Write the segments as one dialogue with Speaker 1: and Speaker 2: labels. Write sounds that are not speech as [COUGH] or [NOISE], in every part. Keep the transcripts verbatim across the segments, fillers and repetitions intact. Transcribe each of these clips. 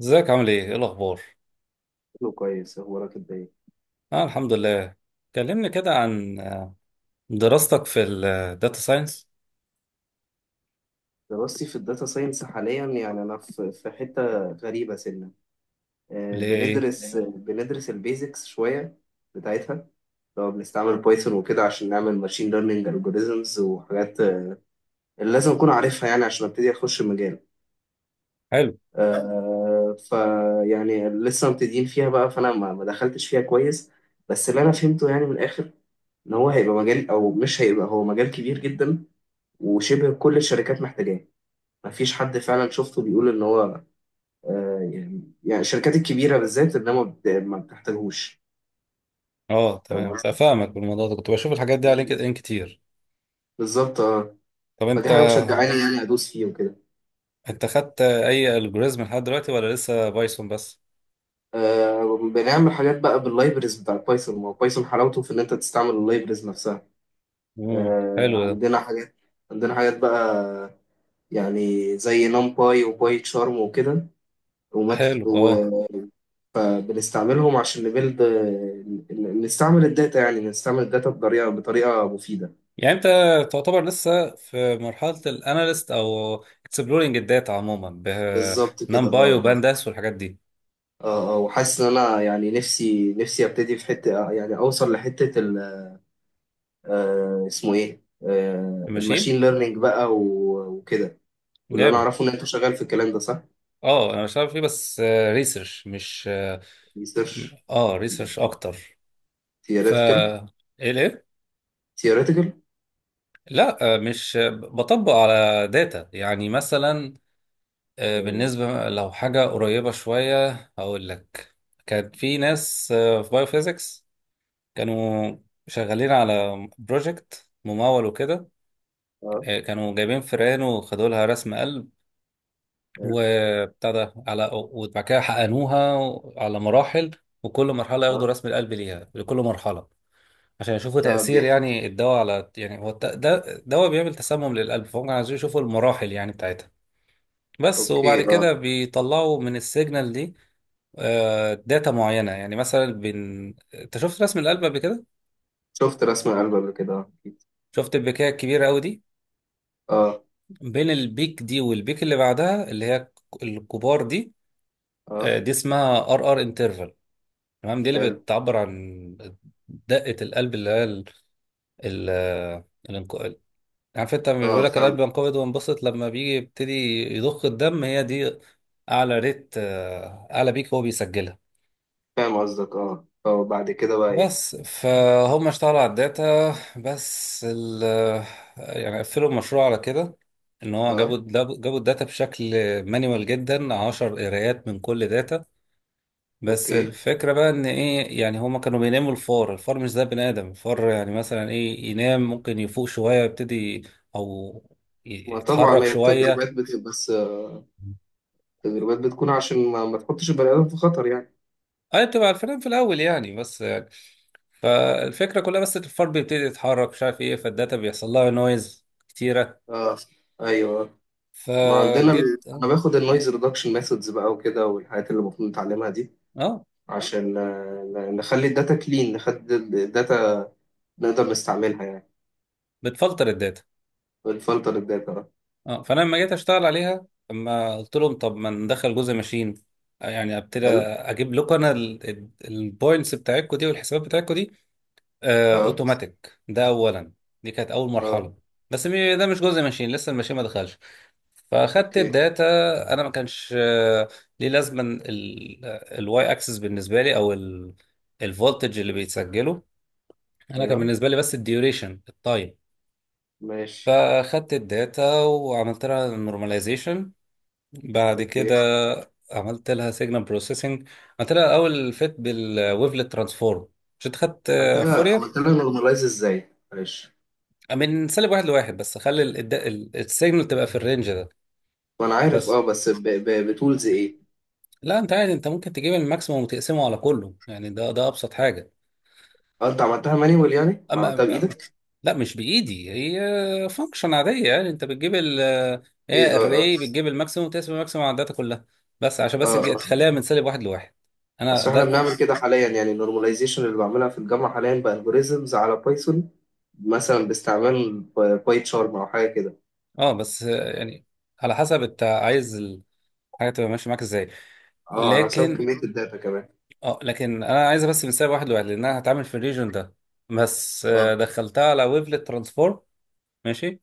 Speaker 1: ازيك؟ عامل ايه؟ ايه الأخبار؟
Speaker 2: شكله كويس، هو راكب باين.
Speaker 1: آه، الحمد لله. كلمني كده عن دراستك في الداتا ساينس.
Speaker 2: دراستي في الداتا ساينس حاليا، يعني انا في في حته غريبه سنه. آه،
Speaker 1: اللي هي ايه؟
Speaker 2: بندرس ليه؟ بندرس البيزكس شويه بتاعتها. لو بنستعمل مم. بايثون وكده عشان نعمل ماشين ليرنينج الجوريزمز وحاجات آه، اللي لازم اكون عارفها يعني عشان ابتدي اخش المجال.
Speaker 1: حلو.
Speaker 2: آه، فيعني لسه مبتدئين فيها بقى، فانا ما ما دخلتش فيها كويس. بس اللي انا فهمته يعني من الاخر، ان هو هيبقى مجال او مش هيبقى، هو مجال كبير جدا وشبه كل الشركات محتاجاه. مفيش حد فعلا شفته بيقول ان هو آه، يعني يعني الشركات الكبيره بالذات ان هي ما بت- ما بتحتاجهوش.
Speaker 1: اه
Speaker 2: فاهم
Speaker 1: تمام،
Speaker 2: قصدي؟
Speaker 1: فاهمك. بالموضوع ده كنت بشوف الحاجات دي على لينكد ان كتير.
Speaker 2: بالظبط، اه.
Speaker 1: طب
Speaker 2: فدي
Speaker 1: انت
Speaker 2: حاجه مشجعاني يعني ادوس فيه وكده.
Speaker 1: انت خدت اي الجوريزم لحد دلوقتي ولا لسه بايثون بس؟
Speaker 2: آه بنعمل حاجات بقى باللايبرز بتاع بايثون، ما هو بايثون حلاوته في ان انت تستعمل اللايبرز نفسها.
Speaker 1: امم
Speaker 2: آه
Speaker 1: حلو ده.
Speaker 2: عندنا حاجات عندنا حاجات بقى، يعني زي نمباي وباي تشارم وكده وماتل-
Speaker 1: حلو، اه.
Speaker 2: وبنستعملهم عشان نبيلد، نستعمل الداتا يعني نستعمل الداتا بطريقه بطريقه مفيده.
Speaker 1: يعني انت تعتبر لسه في مرحلة الاناليست او اكسبلورنج الداتا عموما،
Speaker 2: بالظبط كده،
Speaker 1: بنمباي
Speaker 2: اه. اه.
Speaker 1: وبانداس والحاجات دي؟
Speaker 2: اه. اه. وحاسس ان انا يعني نفسي نفسي ابتدي في حته، يعني اوصل لحته ال آه اسمه ايه آه
Speaker 1: ماشي؟
Speaker 2: الماشين ليرنينج بقى و- وكده. واللي انا
Speaker 1: جامد.
Speaker 2: اعرفه ان انت شغال في الكلام ده، صح؟
Speaker 1: اه انا بشتغل فيه، بس ريسيرش، مش.
Speaker 2: ريسيرش.
Speaker 1: اه، ريسيرش اكتر. ف
Speaker 2: ثيوريتيكال
Speaker 1: ايه ليه؟
Speaker 2: ثيوريتيكال
Speaker 1: لا آه، مش بطبق على داتا يعني مثلا. آه،
Speaker 2: اه.
Speaker 1: بالنسبه لو حاجه قريبه شويه هقول لك. كان في ناس آه، في بايوفيزيكس كانوا شغالين على بروجكت ممول وكده.
Speaker 2: آه،
Speaker 1: آه، كانوا جايبين فئران وخدوا لها رسم قلب
Speaker 2: حلو.
Speaker 1: وبتاع ده، على وبعد كده حقنوها على مراحل، وكل مرحله ياخدوا
Speaker 2: اه.
Speaker 1: رسم القلب ليها، لكل مرحله، عشان يشوفوا
Speaker 2: ده
Speaker 1: تأثير
Speaker 2: بيح
Speaker 1: يعني الدواء على، يعني هو الت- ده دواء بيعمل تسمم للقلب، فهم كانوا عايزين يشوفوا المراحل يعني بتاعتها. بس
Speaker 2: اوكي.
Speaker 1: وبعد كده
Speaker 2: اه.
Speaker 1: بيطلعوا من السيجنال دي آه، داتا معينة، يعني مثلا بين، انت شفت رسم القلب قبل كده؟
Speaker 2: شفت رسم القلب قبل كده، اه أكيد.
Speaker 1: شفت البكاية الكبيرة قوي دي،
Speaker 2: اه.
Speaker 1: بين البيك دي والبيك اللي بعدها اللي هي الك- الكبار دي،
Speaker 2: اه.
Speaker 1: آه، دي اسمها ار ار انترفال. تمام، دي اللي
Speaker 2: حلو.
Speaker 1: بتعبر عن دقة القلب اللي هي ال- ال- يعني عارف انت لما بيقول
Speaker 2: اه.
Speaker 1: لك القلب
Speaker 2: فاهم،
Speaker 1: بينقبض وينبسط، لما بيجي يبتدي يضخ الدم، هي دي اعلى ريت، آه، اعلى بيك هو بيسجلها.
Speaker 2: فاهم قصدك. اه. اه. بعد كده بقى ايه؟
Speaker 1: بس فهم اشتغلوا على الداتا، بس ال يعني قفلوا المشروع على كده، ان هو جابوا
Speaker 2: اه.
Speaker 1: جابوا الداتا بشكل مانيوال جدا، 10 قرايات من كل داتا. بس
Speaker 2: اوكي.
Speaker 1: الفكرة بقى ان ايه، يعني هما كانوا بيناموا الفار. الفار مش زي بني ادم، الفار يعني مثلا ايه، ينام، ممكن يفوق شوية، يبتدي او ي-
Speaker 2: ما طبعا
Speaker 1: يتحرك
Speaker 2: هي
Speaker 1: شوية.
Speaker 2: التجربات بت... بس التدريبات بتكون عشان ما, ما تحطش البني ادم في خطر يعني.
Speaker 1: اي، بتبقى الفريم في الاول يعني، بس يعني فالفكره كلها، بس الفار بيبتدي يتحرك مش عارف ايه، فالداتا بيحصل لها نويز كتيره.
Speaker 2: اه. ايوه. ما عندنا مم.
Speaker 1: فجيت
Speaker 2: انا
Speaker 1: اه
Speaker 2: باخد النويز ريدكشن ميثودز بقى وكده، والحاجات اللي المفروض نتعلمها دي.
Speaker 1: آه،
Speaker 2: عشان آه، ن- نخلي الداتا كلين، نخلي الداتا نقدر نستعملها يعني،
Speaker 1: بتفلتر الداتا.
Speaker 2: ونفلتر الداتا بقى.
Speaker 1: اه فانا لما جيت اشتغل عليها، لما قلت لهم طب ما ندخل جزء ماشين، يعني ابتدي
Speaker 2: حلو.
Speaker 1: اجيب لكم انا البوينتس بتاعتكم دي والحسابات بتاعتكم دي
Speaker 2: اه.
Speaker 1: اوتوماتيك، ده اولا، دي كانت اول مرحله.
Speaker 2: اه.
Speaker 1: بس مي- ده مش جزء ماشين، لسه الماشين ما دخلش. فاخدت
Speaker 2: اوكي.
Speaker 1: الداتا. انا ما كانش آه، ليه لازمه الواي اكسس بالنسبه لي، او الفولتج اللي بيتسجله، انا كان
Speaker 2: ايوه.
Speaker 1: بالنسبه لي بس الديوريشن، التايم.
Speaker 2: ماشي.
Speaker 1: فاخدت الداتا وعملت لها نورماليزيشن، بعد كده
Speaker 2: اوكي.
Speaker 1: عملت لها سيجنال بروسيسنج، عملت لها اول فيت بالويفلت ترانسفورم. مش انت خدت
Speaker 2: عملت
Speaker 1: آه،
Speaker 2: لها
Speaker 1: فورير؟
Speaker 2: عملت لها نورماليز ازاي معلش؟
Speaker 1: من سالب واحد لواحد، بس خلي السيجنال تبقى في الرينج ده.
Speaker 2: وانا عارف
Speaker 1: بس
Speaker 2: اه، بس ب... ب... بتولز ايه؟
Speaker 1: لا، انت عادي انت ممكن تجيب الماكسيموم وتقسمه على كله، يعني ده ده ابسط حاجه.
Speaker 2: اه. انت عملتها مانيوال يعني، ما
Speaker 1: اما
Speaker 2: عملتها
Speaker 1: أما-
Speaker 2: بايدك.
Speaker 1: لا مش بايدي، هي فانكشن عاديه، يعني انت بتجيب ال
Speaker 2: ايه.
Speaker 1: هي
Speaker 2: اه. اه.
Speaker 1: الري، بتجيب الماكسيموم وتقسم الماكسيموم على الداتا كلها، بس عشان بس
Speaker 2: اه.
Speaker 1: تج-
Speaker 2: آه.
Speaker 1: تخليها من سالب واحد لواحد. انا
Speaker 2: اصل احنا
Speaker 1: ده.
Speaker 2: بنعمل ماشي كده حاليا يعني، النورماليزيشن اللي بعملها في الجامعه حاليا بالجوريزمز على بايثون، مثلا باستعمال باي تشارم او حاجه كده.
Speaker 1: اه بس آه، يعني على حسب انت عايز الحاجه تبقى ماشيه معاك ازاي.
Speaker 2: اه، على حسب
Speaker 1: لكن
Speaker 2: كميه الداتا كمان.
Speaker 1: اه لكن انا عايزه بس من سالب واحد لواحد، لان انا هتعامل في الريجن ده بس. آه،
Speaker 2: اه.
Speaker 1: دخلتها على ويفلت ترانسفورم. ماشي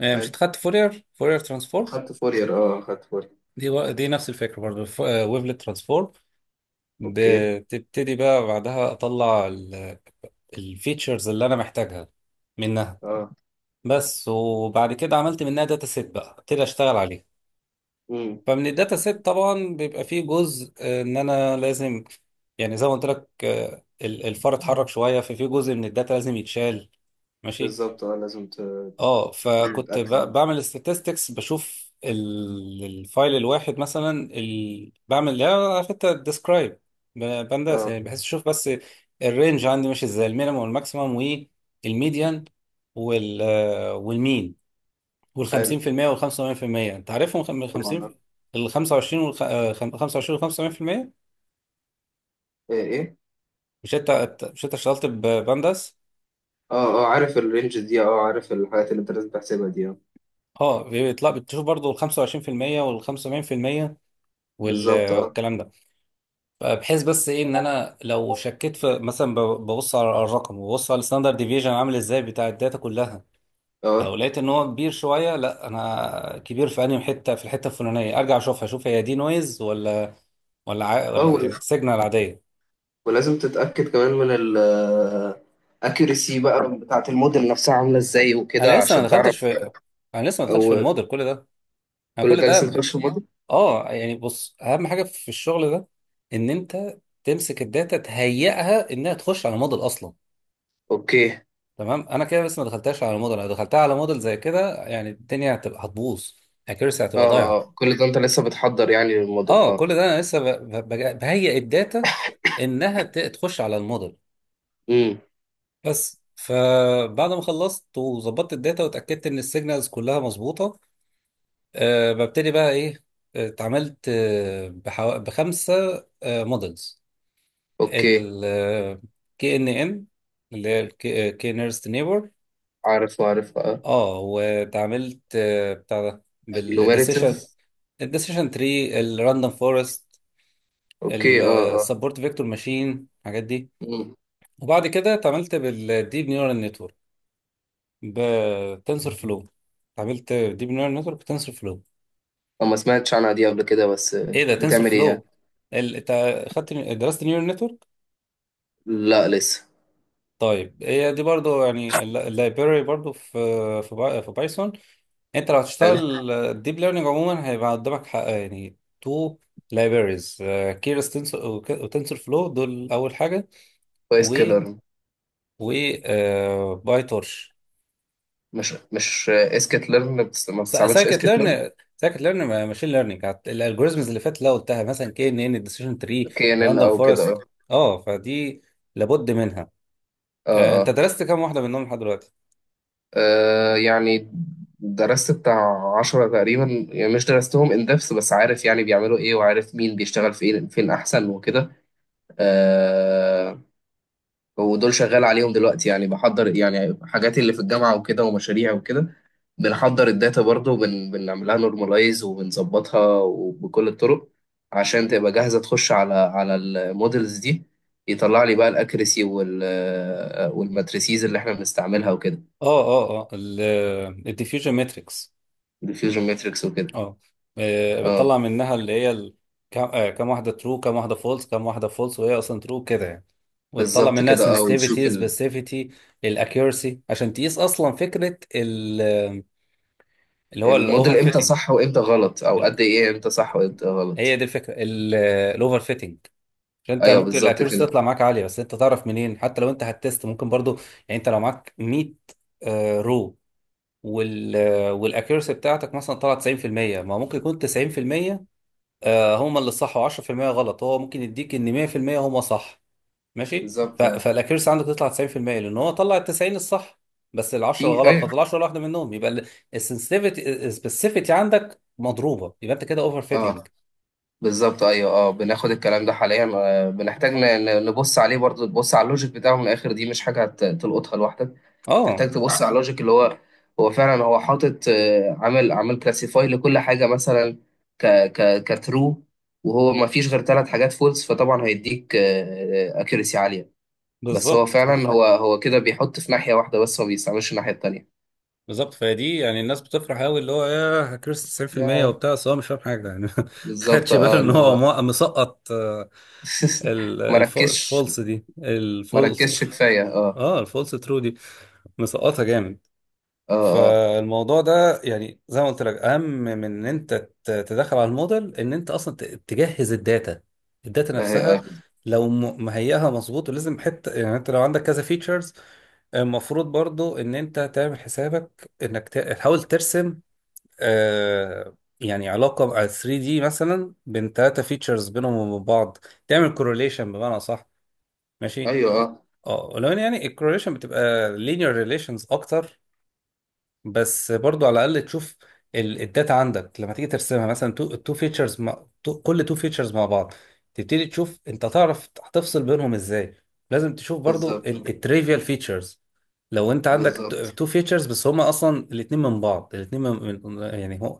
Speaker 1: آه، مش
Speaker 2: حلو.
Speaker 1: اتخدت فورير فورير ترانسفورم
Speaker 2: اخدت فورير اه اخدت فورير.
Speaker 1: دي، و... دي نفس الفكره برضه، ويفلت ترانسفورم.
Speaker 2: اوكي.
Speaker 1: بتبتدي بقى بعدها اطلع الفيتشرز اللي انا محتاجها منها
Speaker 2: اه.
Speaker 1: بس. وبعد كده عملت منها داتا سيت، بقى ابتدي اشتغل عليها.
Speaker 2: امم.
Speaker 1: فمن الداتا سيت طبعا بيبقى فيه جزء، آه، ان انا لازم، يعني زي ما قلت لك، آه، ال- الفار اتحرك شويه، ففي جزء من الداتا لازم يتشال. ماشي.
Speaker 2: بالظبط، اه. لازم ت-
Speaker 1: اه
Speaker 2: تكون
Speaker 1: فكنت ب-
Speaker 2: متاكد.
Speaker 1: بعمل statistics، بشوف ال- الفايل الواحد مثلا، ال... بعمل، لا حتى، ديسكرايب بنداس،
Speaker 2: اه.
Speaker 1: يعني بحيث اشوف بس الرينج عندي ماشي ازاي، المينيمم والماكسيمم والميديان وال والمين وال
Speaker 2: حلو.
Speaker 1: خمسون في المئة وال خمسة وثمانين في المئة، انت عارفهم، خ- من خمسين،
Speaker 2: طبعا.
Speaker 1: ال خمسه وعشرين وال خمسه وعشرين وال خمسة وثمانين في المئة.
Speaker 2: ايه. ايه.
Speaker 1: مش انت مش انت اشتغلت ببنداس؟
Speaker 2: اه. اه. عارف الرينج دي، اه. آه، عارف الحاجات اللي انت لازم تحسبها دي، اه.
Speaker 1: اه بيطلع، بتشوف برضو ال خمسه وعشرين بالمية وال خمسه وسبعين بالمية
Speaker 2: بالظبط.
Speaker 1: وال-
Speaker 2: اه.
Speaker 1: والكلام ده، بحيث بس ايه ان انا لو شكيت في مثلا، ب- ببص على الرقم وببص على الستاندرد ديفيجن عامل ازاي بتاع الداتا كلها. لو
Speaker 2: اه.
Speaker 1: لقيت ان هو كبير شويه، لا انا كبير في انهي حته، في الحته الفلانيه ارجع اشوفها، اشوف هي دي نويز ولا، ولا ع... ولا يعني
Speaker 2: اه.
Speaker 1: سيجنال عاديه.
Speaker 2: ولازم تتأكد كمان من ال accuracy بقى بتاعة الموديل نفسها عاملة ازاي وكده،
Speaker 1: انا لسه ما
Speaker 2: عشان تعرف.
Speaker 1: دخلتش في انا لسه ما دخلتش في
Speaker 2: أو
Speaker 1: الموديل، كل ده انا
Speaker 2: كل
Speaker 1: كل
Speaker 2: ده
Speaker 1: ده
Speaker 2: لسه
Speaker 1: ب...
Speaker 2: مدخلش في الموديل؟
Speaker 1: اه يعني بص، اهم حاجه في الشغل ده ان انت تمسك الداتا، تهيئها انها تخش على موديل اصلا.
Speaker 2: اوكي. اه.
Speaker 1: تمام، انا كده بس، ما دخلتهاش على موديل. لو دخلتها على موديل زي كده يعني الدنيا هتبقى هتبوظ، اكيرسي
Speaker 2: اه.
Speaker 1: هتبقى ضايعه.
Speaker 2: آه. كل ده انت لسه بتحضر يعني للموديل،
Speaker 1: اه كل
Speaker 2: اه.
Speaker 1: ده انا لسه ب- ب- بج- بهيئ الداتا انها ت- تخش على الموديل
Speaker 2: امم.
Speaker 1: بس. فبعد ما خلصت وظبطت الداتا واتاكدت ان السيجنالز كلها مظبوطه، أه ببتدي بقى ايه، آه، اتعاملت آه، بحو... بخمسه موديلز.
Speaker 2: اوكي.
Speaker 1: ال كي ان ان، اللي هي كي نيرست.
Speaker 2: عارف، عارف، اه.
Speaker 1: اه واتعاملت آه، بتاع ده
Speaker 2: agglomerative.
Speaker 1: بالديسيشن، الديسيشن تري، الراندوم فورست،
Speaker 2: اوكي. اه. اه.
Speaker 1: السبورت فيكتور ماشين، الحاجات دي.
Speaker 2: امم.
Speaker 1: وبعد كده اتعاملت بالديب نيورال نتورك بتنسر فلو. اتعاملت ديب نيورال نتورك بتنسر فلو.
Speaker 2: أنا ما سمعتش عنها دي قبل كده، بس آه،
Speaker 1: ايه ده، تنسر
Speaker 2: بتعمل ايه يعني؟
Speaker 1: فلو، ال... انت خدت درست نيورال نتورك؟
Speaker 2: لا لسه.
Speaker 1: طيب هي دي برضو، يعني اللايبراري برضو في في باي- في بايثون. انت لو
Speaker 2: حلو.
Speaker 1: هتشتغل الديب ليرنينج عموما هيبقى قدامك حق يعني تو لايبريز، كيرس تنسور وتنسور فلو، دول اول حاجه،
Speaker 2: كويس
Speaker 1: و
Speaker 2: كده.
Speaker 1: و باي تورش.
Speaker 2: مش مش اسكت ليرن، ما بتستعملش
Speaker 1: سايكت
Speaker 2: اسكت ليرن؟
Speaker 1: ليرن سايكت ليرن ماشين ليرنينج الالجوريزمز اللي فاتت اللي قلتها مثلا، كي ان ان، ديسيشن تري،
Speaker 2: كي ان ان
Speaker 1: راندوم
Speaker 2: او كده، اه.
Speaker 1: فورست. اه فدي لابد منها.
Speaker 2: اه.
Speaker 1: آه، انت
Speaker 2: آه.
Speaker 1: درست كام واحده منهم لحد دلوقتي؟
Speaker 2: آه، يعني درست بتاع عشرة تقريبا، يعني مش درستهم ان دepth، بس عارف يعني بيعملوا ايه، وعارف مين بيشتغل فين فين احسن وكده. آه ودول شغال عليهم دلوقتي، يعني بحضر يعني حاجاتي اللي في الجامعة وكده ومشاريع وكده. بنحضر الداتا برضو، بن بنعملها نورماليز وبنظبطها وبكل الطرق، عشان تبقى جاهزة تخش على على المودلز دي. يطلع لي بقى الاكريسي وال والماتريسيز اللي احنا بنستعملها وكده.
Speaker 1: اه اه اه. الديفيوجن ماتريكس.
Speaker 2: الفيوجن ماتريكس وكده،
Speaker 1: اه آه،
Speaker 2: آه.
Speaker 1: بتطلع منها اللي هي ال... كام، آه، كام واحده ترو، كام واحده فولس كام واحده فولس وهي اصلا ترو، كده يعني، وتطلع
Speaker 2: بالظبط
Speaker 1: منها
Speaker 2: كده، اه. وتشوف
Speaker 1: sensitivity
Speaker 2: ال-
Speaker 1: specificity الاكيورسي عشان تقيس اصلا فكره ال... اللي هو الاوفر
Speaker 2: الموديل امتى
Speaker 1: فيتنج.
Speaker 2: صح وامتى غلط، او قد ايه امتى صح وامتى
Speaker 1: هي
Speaker 2: غلط.
Speaker 1: دي الفكره، الاوفر فيتنج، عشان انت
Speaker 2: ايوه،
Speaker 1: ممكن
Speaker 2: بالظبط
Speaker 1: الاكيورسي
Speaker 2: كده.
Speaker 1: تطلع معاك عاليه بس انت تعرف منين. حتى لو انت هتست ممكن برضو، يعني انت لو معاك ميه رو وال والاكيورسي بتاعتك مثلا طلعت تسعون في المئة، ما ممكن يكون تسعون في المئة آه، هما اللي صح و10% غلط، هو ممكن يديك ان مئة في المئة هما صح. ماشي، ف-
Speaker 2: بالظبط. اه.
Speaker 1: فالاكيرسي عندك تطلع تسعون في المئة لان هو طلع ال التسعين الصح، بس ال العشرة
Speaker 2: في.
Speaker 1: الغلط ما
Speaker 2: ايوه.
Speaker 1: طلعش ولا واحده منهم. يبقى السنسيفيتي السبيسيفيتي عندك مضروبه، يبقى انت كده اوفر
Speaker 2: اه.
Speaker 1: فيتنج.
Speaker 2: بالظبط. ايوه. اه. بناخد الكلام ده حاليا، آه، بنحتاج ن- ن- نبص عليه برضه، تبص على اللوجيك بتاعه من الاخر، دي مش حاجه هت- تلقطها لوحدك.
Speaker 1: اه
Speaker 2: تحتاج تبص على اللوجيك، اللي هو هو فعلا هو حاطط آه، عامل عامل كلاسيفاي لكل حاجه، مثلا ك ك كترو. وهو ما فيش غير ثلاث حاجات فولس، فطبعا هيديك اكيرسي عاليه. بس هو
Speaker 1: بالظبط، اه
Speaker 2: فعلا هو هو كده بيحط في ناحية واحدة بس، ما بيستعملش الناحية التانية.
Speaker 1: بالظبط. فدي يعني، الناس بتفرح قوي، اللي هو يا كريس تسعون في المئة
Speaker 2: يا
Speaker 1: وبتاع، بس هو مش فاهم حاجه يعني. [LAUGHS] ما
Speaker 2: بالظبط،
Speaker 1: خدش باله
Speaker 2: اه.
Speaker 1: ان
Speaker 2: اللي
Speaker 1: هو
Speaker 2: هو
Speaker 1: مو- مسقط آه، ال-
Speaker 2: [LAUGHS]
Speaker 1: الف-
Speaker 2: مركزش.
Speaker 1: الفولس، دي الفولس
Speaker 2: مركزش كفاية، اه.
Speaker 1: اه الفولس ترو دي مسقطها جامد.
Speaker 2: اه. اه.
Speaker 1: فالموضوع ده يعني زي ما قلت لك، اهم من ان انت ت- تدخل على الموديل، ان انت اصلا ت- تجهز الداتا. الداتا
Speaker 2: آه. آه.
Speaker 1: نفسها
Speaker 2: آه.
Speaker 1: لو م- مهيئها مظبوط. ولازم حته، يعني انت لو عندك كذا فيتشرز، المفروض برضو ان انت تعمل حسابك انك ت- تحاول ترسم آه يعني علاقه على ثلاثه دي مثلا، بين ثلاثه فيتشرز بينهم وبين بعض، تعمل كورليشن بمعنى صح. ماشي.
Speaker 2: ايوه. اه.
Speaker 1: اه ولو ان يعني الكورليشن بتبقى لينير ريليشنز اكتر، بس برضو على الاقل تشوف ال- الداتا عندك لما تيجي ترسمها مثلا تو تو فيتشرز، مع تو، كل تو فيتشرز مع بعض، تبتدي تشوف انت تعرف هتفصل بينهم ازاي. لازم تشوف برضو
Speaker 2: بالظبط.
Speaker 1: التريفيال فيتشرز. لو انت عندك
Speaker 2: بالظبط.
Speaker 1: تو فيتشرز بس هما اصلا الاتنين من بعض، الاتنين من من- يعني هو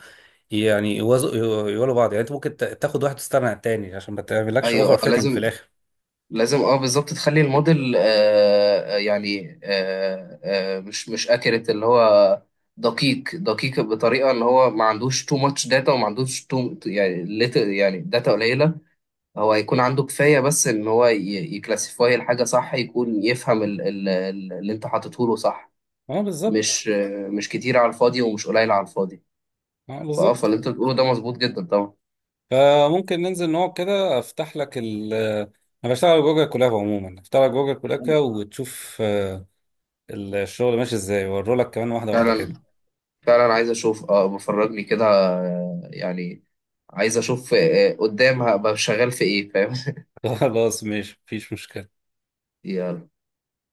Speaker 1: يعني يوازوا، يو- يوالوا بعض، يعني انت ممكن تا- تاخد واحد وتستغنى عن التاني عشان ما تعملكش
Speaker 2: ايوه.
Speaker 1: اوفر
Speaker 2: اه.
Speaker 1: فيتنج في
Speaker 2: لازم.
Speaker 1: الاخر.
Speaker 2: لازم. اه. بالظبط تخلي الموديل آه آه، يعني آه آه مش مش اكيرت، اللي هو دقيق، دقيق بطريقة ان هو ما عندوش تو ماتش داتا، وما عندوش تو يعني little- يعني داتا قليلة. هو يكون عنده كفاية، بس إن هو ي- يكلاسيفاي الحاجة صح، يكون يفهم ال- ال- ال- اللي أنت حاطته له صح.
Speaker 1: اه بالظبط،
Speaker 2: مش مش كتير على الفاضي، ومش قليل على الفاضي.
Speaker 1: اه
Speaker 2: فأه فاللي
Speaker 1: بالظبط.
Speaker 2: أنت بتقوله ده مظبوط جدا طبعا.
Speaker 1: فممكن ننزل نقعد كده، افتح لك ال انا بشتغل جوجل كولاب عموما، افتح لك جوجل كولاب كده وتشوف آه، الشغل ماشي ازاي، واوري لك كمان واحده واحده
Speaker 2: فعلا،
Speaker 1: كده.
Speaker 2: فعلا، عايز أشوف أه بفرجني كده، آه، يعني عايز أشوف آه، قدام هبقى شغال في إيه، فاهم؟
Speaker 1: [LAUGHS] خلاص ماشي، مفيش مشكله.
Speaker 2: [LAUGHS]